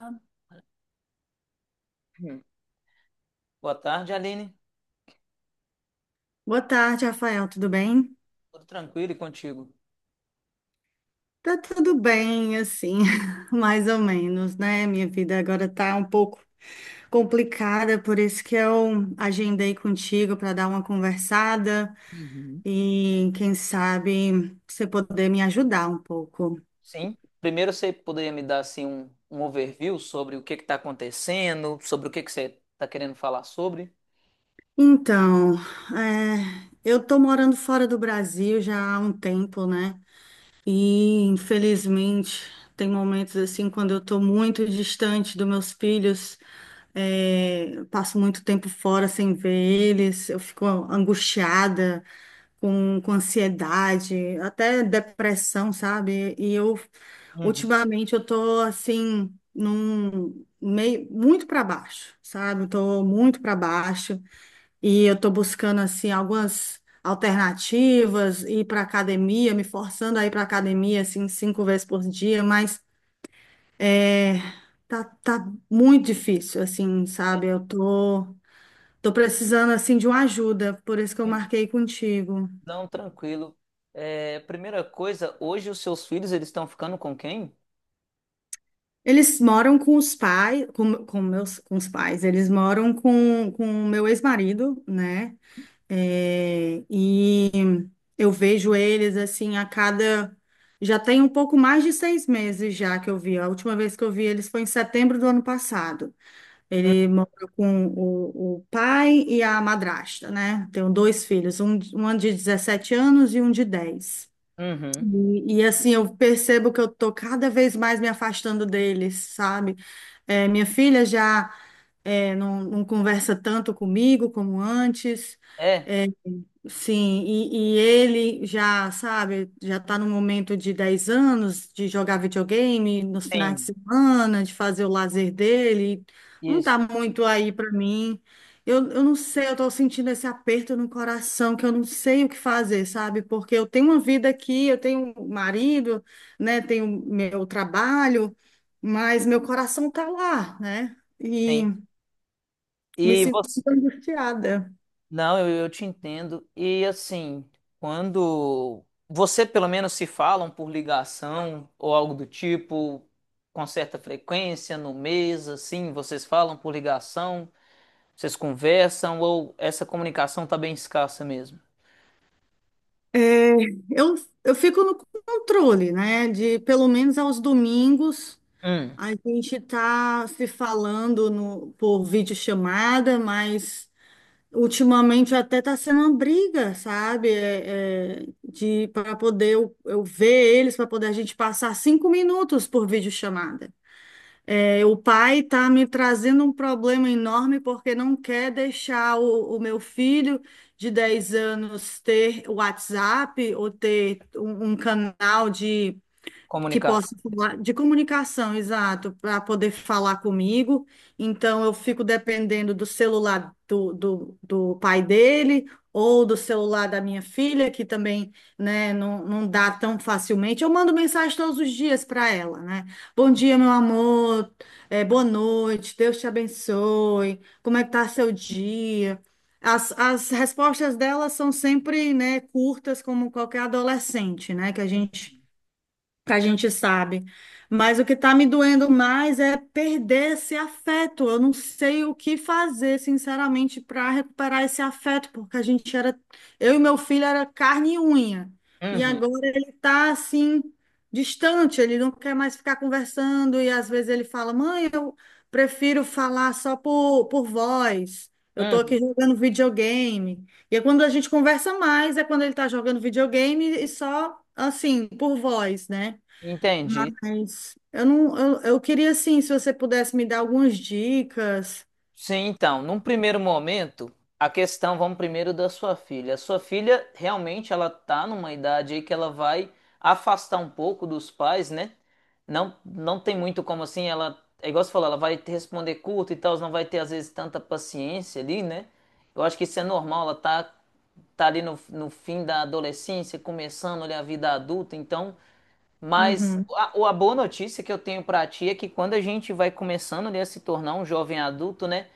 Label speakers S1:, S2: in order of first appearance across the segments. S1: Hum. Boa tarde, Aline.
S2: Boa tarde, Rafael. Tudo bem?
S1: Tudo tranquilo e contigo?
S2: Tá tudo bem, assim, mais ou menos, né? Minha vida agora tá um pouco complicada, por isso que eu agendei contigo para dar uma conversada
S1: Uhum.
S2: e quem sabe você poder me ajudar um pouco.
S1: Sim. Primeiro, você poderia me dar assim um overview sobre o que está acontecendo, sobre o que que você está querendo falar sobre?
S2: Então, eu tô morando fora do Brasil já há um tempo, né? E, infelizmente, tem momentos assim quando eu estou muito distante dos meus filhos, eu passo muito tempo fora sem ver eles, eu fico angustiada, com ansiedade, até depressão, sabe? E eu,
S1: Uhum.
S2: ultimamente, eu tô assim, num meio, muito para baixo, sabe? Eu tô muito para baixo. E eu estou buscando assim algumas alternativas, ir para academia, me forçando a ir para academia assim cinco vezes por dia, mas é, tá muito difícil assim,
S1: É.
S2: sabe? Eu tô precisando assim de uma ajuda, por isso que eu
S1: Hum.
S2: marquei contigo.
S1: Não, tranquilo. É, primeira coisa, hoje os seus filhos eles estão ficando com quem?
S2: Eles moram com os pais, com os pais, eles moram com o meu ex-marido, né? É, e eu vejo eles assim a cada. Já tem um pouco mais de 6 meses já que eu vi. A última vez que eu vi eles foi em setembro do ano passado.
S1: Hum.
S2: Ele mora com o pai e a madrasta, né? Tenho dois filhos, um de 17 anos e um de 10.
S1: Uhum.
S2: E, assim, eu percebo que eu tô cada vez mais me afastando deles, sabe? É, minha filha já não conversa tanto comigo como antes.
S1: É,
S2: É, sim, e ele já, sabe, já está no momento de 10 anos, de jogar videogame nos finais de
S1: sim,
S2: semana, de fazer o lazer dele, não
S1: isso,
S2: está muito aí para mim. Eu não sei, eu estou sentindo esse aperto no coração, que eu não sei o que fazer, sabe? Porque eu tenho uma vida aqui, eu tenho um marido, né, tenho meu trabalho, mas meu coração está lá, né? E
S1: sim.
S2: me
S1: E
S2: sinto
S1: você?
S2: muito angustiada.
S1: Não, eu te entendo. E assim, quando você pelo menos se falam por ligação ou algo do tipo, com certa frequência, no mês, assim, vocês falam por ligação, vocês conversam, ou essa comunicação tá bem escassa mesmo?
S2: É, eu, eu fico no controle, né? De pelo menos aos domingos
S1: Hum,
S2: a gente tá se falando no, por videochamada, mas ultimamente até tá sendo uma briga, sabe? De para poder eu ver eles, para poder a gente passar 5 minutos por videochamada. É, o pai está me trazendo um problema enorme porque não quer deixar o meu filho de 10 anos ter o WhatsApp ou ter um canal de que possa
S1: comunicação.
S2: falar de comunicação, exato, para poder falar comigo. Então, eu fico dependendo do celular do, do pai dele ou do celular da minha filha, que também, né, não dá tão facilmente. Eu mando mensagem todos os dias para ela, né? Bom dia, meu amor, boa noite, Deus te abençoe, como é que tá seu dia? As respostas delas são sempre, né, curtas, como qualquer adolescente, né, que a gente sabe. Mas o que está me doendo mais é perder esse afeto. Eu não sei o que fazer, sinceramente, para recuperar esse afeto, porque a gente era, eu e meu filho era carne e unha. E
S1: Uhum,
S2: agora ele está assim distante, ele não quer mais ficar conversando e às vezes ele fala: "Mãe, eu prefiro falar só por voz. Eu estou aqui
S1: uhum.
S2: jogando videogame". E é quando a gente conversa mais, é quando ele está jogando videogame e só assim, por voz, né?
S1: Entendi.
S2: Mas eu não, eu, queria assim, se você pudesse me dar algumas dicas.
S1: Sim, então, num primeiro momento, a questão, vamos primeiro da sua filha. A sua filha realmente ela tá numa idade aí que ela vai afastar um pouco dos pais, né? Não, não tem muito como assim, ela, é igual você falou, ela vai te responder curto e tal, não vai ter às vezes tanta paciência ali, né? Eu acho que isso é normal, ela tá ali no fim da adolescência, começando ali a vida adulta, então mas
S2: Uhum,
S1: a boa notícia que eu tenho pra ti é que quando a gente vai começando, né, a se tornar um jovem adulto, né?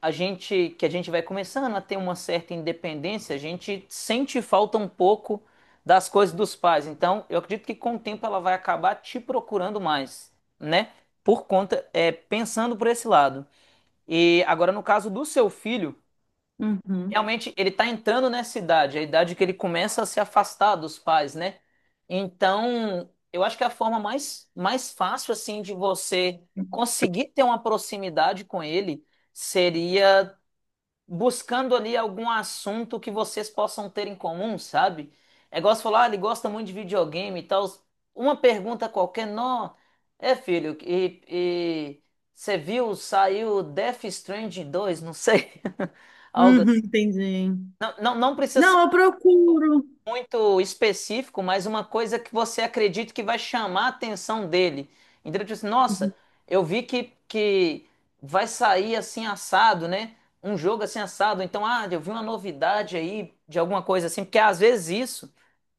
S1: A gente, que a gente vai começando a ter uma certa independência, a gente sente falta um pouco das coisas dos pais. Então, eu acredito que com o tempo ela vai acabar te procurando mais, né? Por conta, é, pensando por esse lado. E agora, no caso do seu filho.
S2: uhum,
S1: Realmente, ele tá entrando nessa idade, a idade que ele começa a se afastar dos pais, né? Então, eu acho que é a forma mais fácil, assim, de você conseguir ter uma proximidade com ele seria buscando ali algum assunto que vocês possam ter em comum, sabe? É igual você falar, ah, ele gosta muito de videogame e tal. Uma pergunta qualquer, não. É, filho, e você viu, saiu Death Stranding dois não sei. Algo
S2: uhum,
S1: assim.
S2: entendi.
S1: Não, não, não precisa ser
S2: Não, eu procuro.
S1: muito específico, mas uma coisa que você acredita que vai chamar a atenção dele. Entendeu? Tipo assim,
S2: Uhum,
S1: nossa, eu vi que vai sair assim assado, né? Um jogo assim assado. Então, ah, eu vi uma novidade aí de alguma coisa assim, porque às vezes isso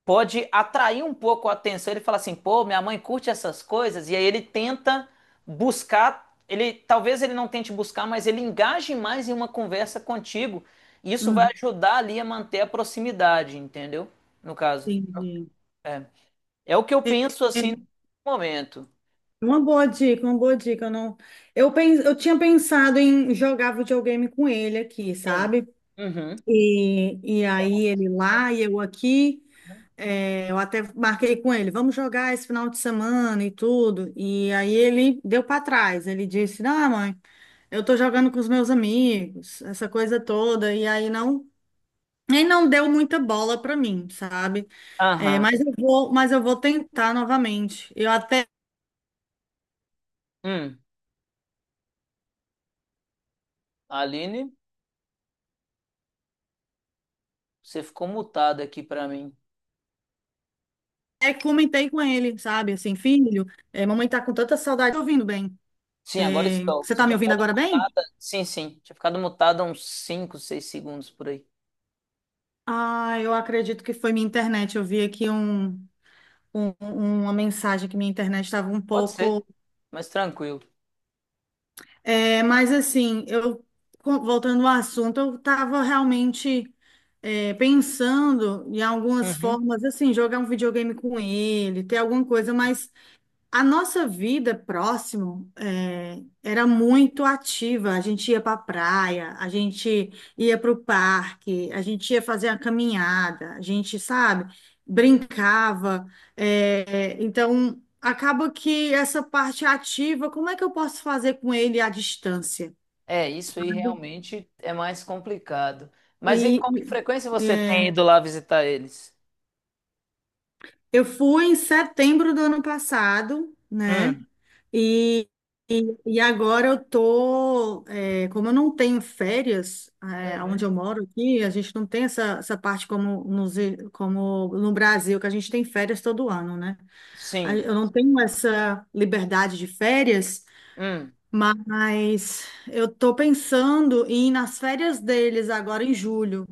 S1: pode atrair um pouco a atenção. Ele fala assim, pô, minha mãe curte essas coisas, e aí ele tenta buscar, ele talvez ele não tente buscar, mas ele engaje mais em uma conversa contigo. E isso vai
S2: uhum,
S1: ajudar ali a manter a proximidade, entendeu? No caso.
S2: entendi.
S1: É, é o que eu
S2: É,
S1: penso
S2: é,
S1: assim no momento.
S2: Uma boa dica, uma boa dica. Eu não, eu pens, Eu tinha pensado em jogar videogame com ele aqui,
S1: Sim.
S2: sabe?
S1: Uhum.
S2: E aí ele lá e eu aqui. É, eu até marquei com ele, vamos jogar esse final de semana e tudo. E aí ele deu para trás. Ele disse, não, mãe. Eu tô jogando com os meus amigos, essa coisa toda, e aí não, nem não deu muita bola pra mim, sabe? É,
S1: Aham.
S2: mas eu vou tentar novamente. Eu até
S1: Hum. Aline, você ficou mutada aqui pra mim.
S2: comentei com ele, sabe? Assim, filho, mamãe tá com tanta saudade. Tô ouvindo bem.
S1: Sim, agora estou.
S2: Você
S1: Você
S2: tá me
S1: tinha
S2: ouvindo
S1: ficado
S2: agora bem?
S1: mutada. Sim, sim. Tinha ficado mutada uns 5 6 segundos por aí.
S2: Ah, eu acredito que foi minha internet. Eu vi aqui uma mensagem que minha internet estava um
S1: Pode ser,
S2: pouco.
S1: mas tranquilo.
S2: É, mas assim, eu voltando ao assunto, eu estava realmente pensando em algumas
S1: Uhum.
S2: formas, assim, jogar um videogame com ele, ter alguma coisa, mas a nossa vida próximo era muito ativa. A gente ia para a praia, a gente ia para o parque, a gente ia fazer a caminhada, a gente, sabe, brincava. Então, acaba que essa parte ativa, como é que eu posso fazer com ele à distância,
S1: É, isso aí
S2: sabe?
S1: realmente é mais complicado. Mas e
S2: E,
S1: com que
S2: e-
S1: frequência você
S2: é,
S1: tem ido lá visitar eles?
S2: Eu fui em setembro do ano passado, né?
S1: Hum.
S2: E, e agora eu tô, como eu não tenho férias, onde eu
S1: Uhum.
S2: moro aqui, a gente não tem essa parte, como no Brasil, que a gente tem férias todo ano, né? Aí
S1: Sim.
S2: eu não tenho essa liberdade de férias.
S1: Hum.
S2: Mas eu tô pensando em ir nas férias deles agora em julho.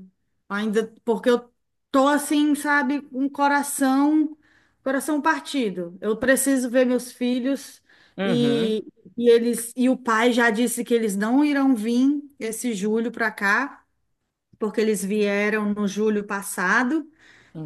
S2: Ainda porque eu tô assim, sabe, com um coração, coração partido. Eu preciso ver meus filhos
S1: Uhum.
S2: e, e eles e o pai já disse que eles não irão vir esse julho para cá, porque eles vieram no julho passado.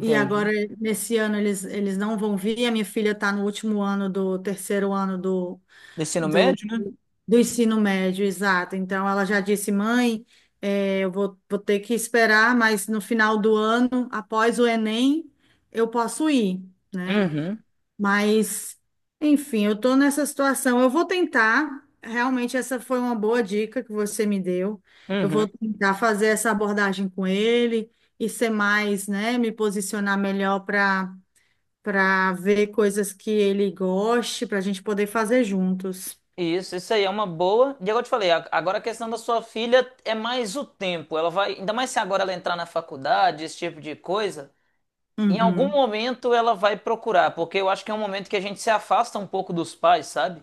S2: E agora, nesse ano, eles não vão vir. A minha filha está no último ano do terceiro ano do,
S1: Do ensino médio, né?
S2: do ensino médio, exato. Então, ela já disse, mãe, eu vou ter que esperar, mas no final do ano, após o Enem, eu posso ir, né?
S1: Uhum.
S2: Mas, enfim, eu estou nessa situação. Eu vou tentar, realmente, essa foi uma boa dica que você me deu. Eu vou
S1: Uhum.
S2: tentar fazer essa abordagem com ele e ser mais, né, me posicionar melhor para ver coisas que ele goste, para a gente poder fazer juntos.
S1: Isso aí é uma boa. E agora eu te falei, agora a questão da sua filha é mais o tempo. Ela vai, ainda mais se agora ela entrar na faculdade, esse tipo de coisa, em algum
S2: Uhum.
S1: momento ela vai procurar, porque eu acho que é um momento que a gente se afasta um pouco dos pais, sabe?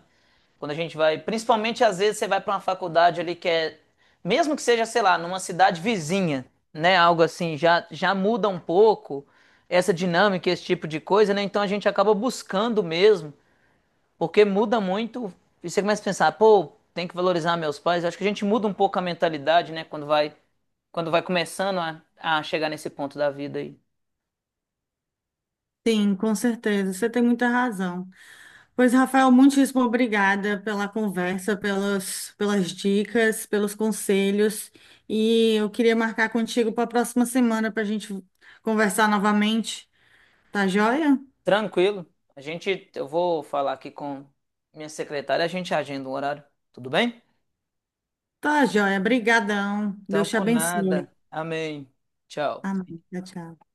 S1: Quando a gente vai, principalmente às vezes você vai para uma faculdade ali que é, mesmo que seja, sei lá, numa cidade vizinha, né, algo assim, já já muda um pouco essa dinâmica, esse tipo de coisa, né? Então a gente acaba buscando mesmo, porque muda muito. E você começa a pensar, pô, tem que valorizar meus pais. Acho que a gente muda um pouco a mentalidade, né, quando vai começando a chegar nesse ponto da vida aí.
S2: Sim, com certeza. Você tem muita razão. Pois, Rafael, muitíssimo obrigada pela conversa, pelas dicas, pelos conselhos. E eu queria marcar contigo para a próxima semana para a gente conversar novamente. Tá joia?
S1: Tranquilo. Eu vou falar aqui com minha secretária, a gente agenda um horário. Tudo bem?
S2: Tá joia. Obrigadão.
S1: Então,
S2: Deus te
S1: por
S2: abençoe.
S1: nada. Amém. Tchau.
S2: Amém. Tchau, tchau.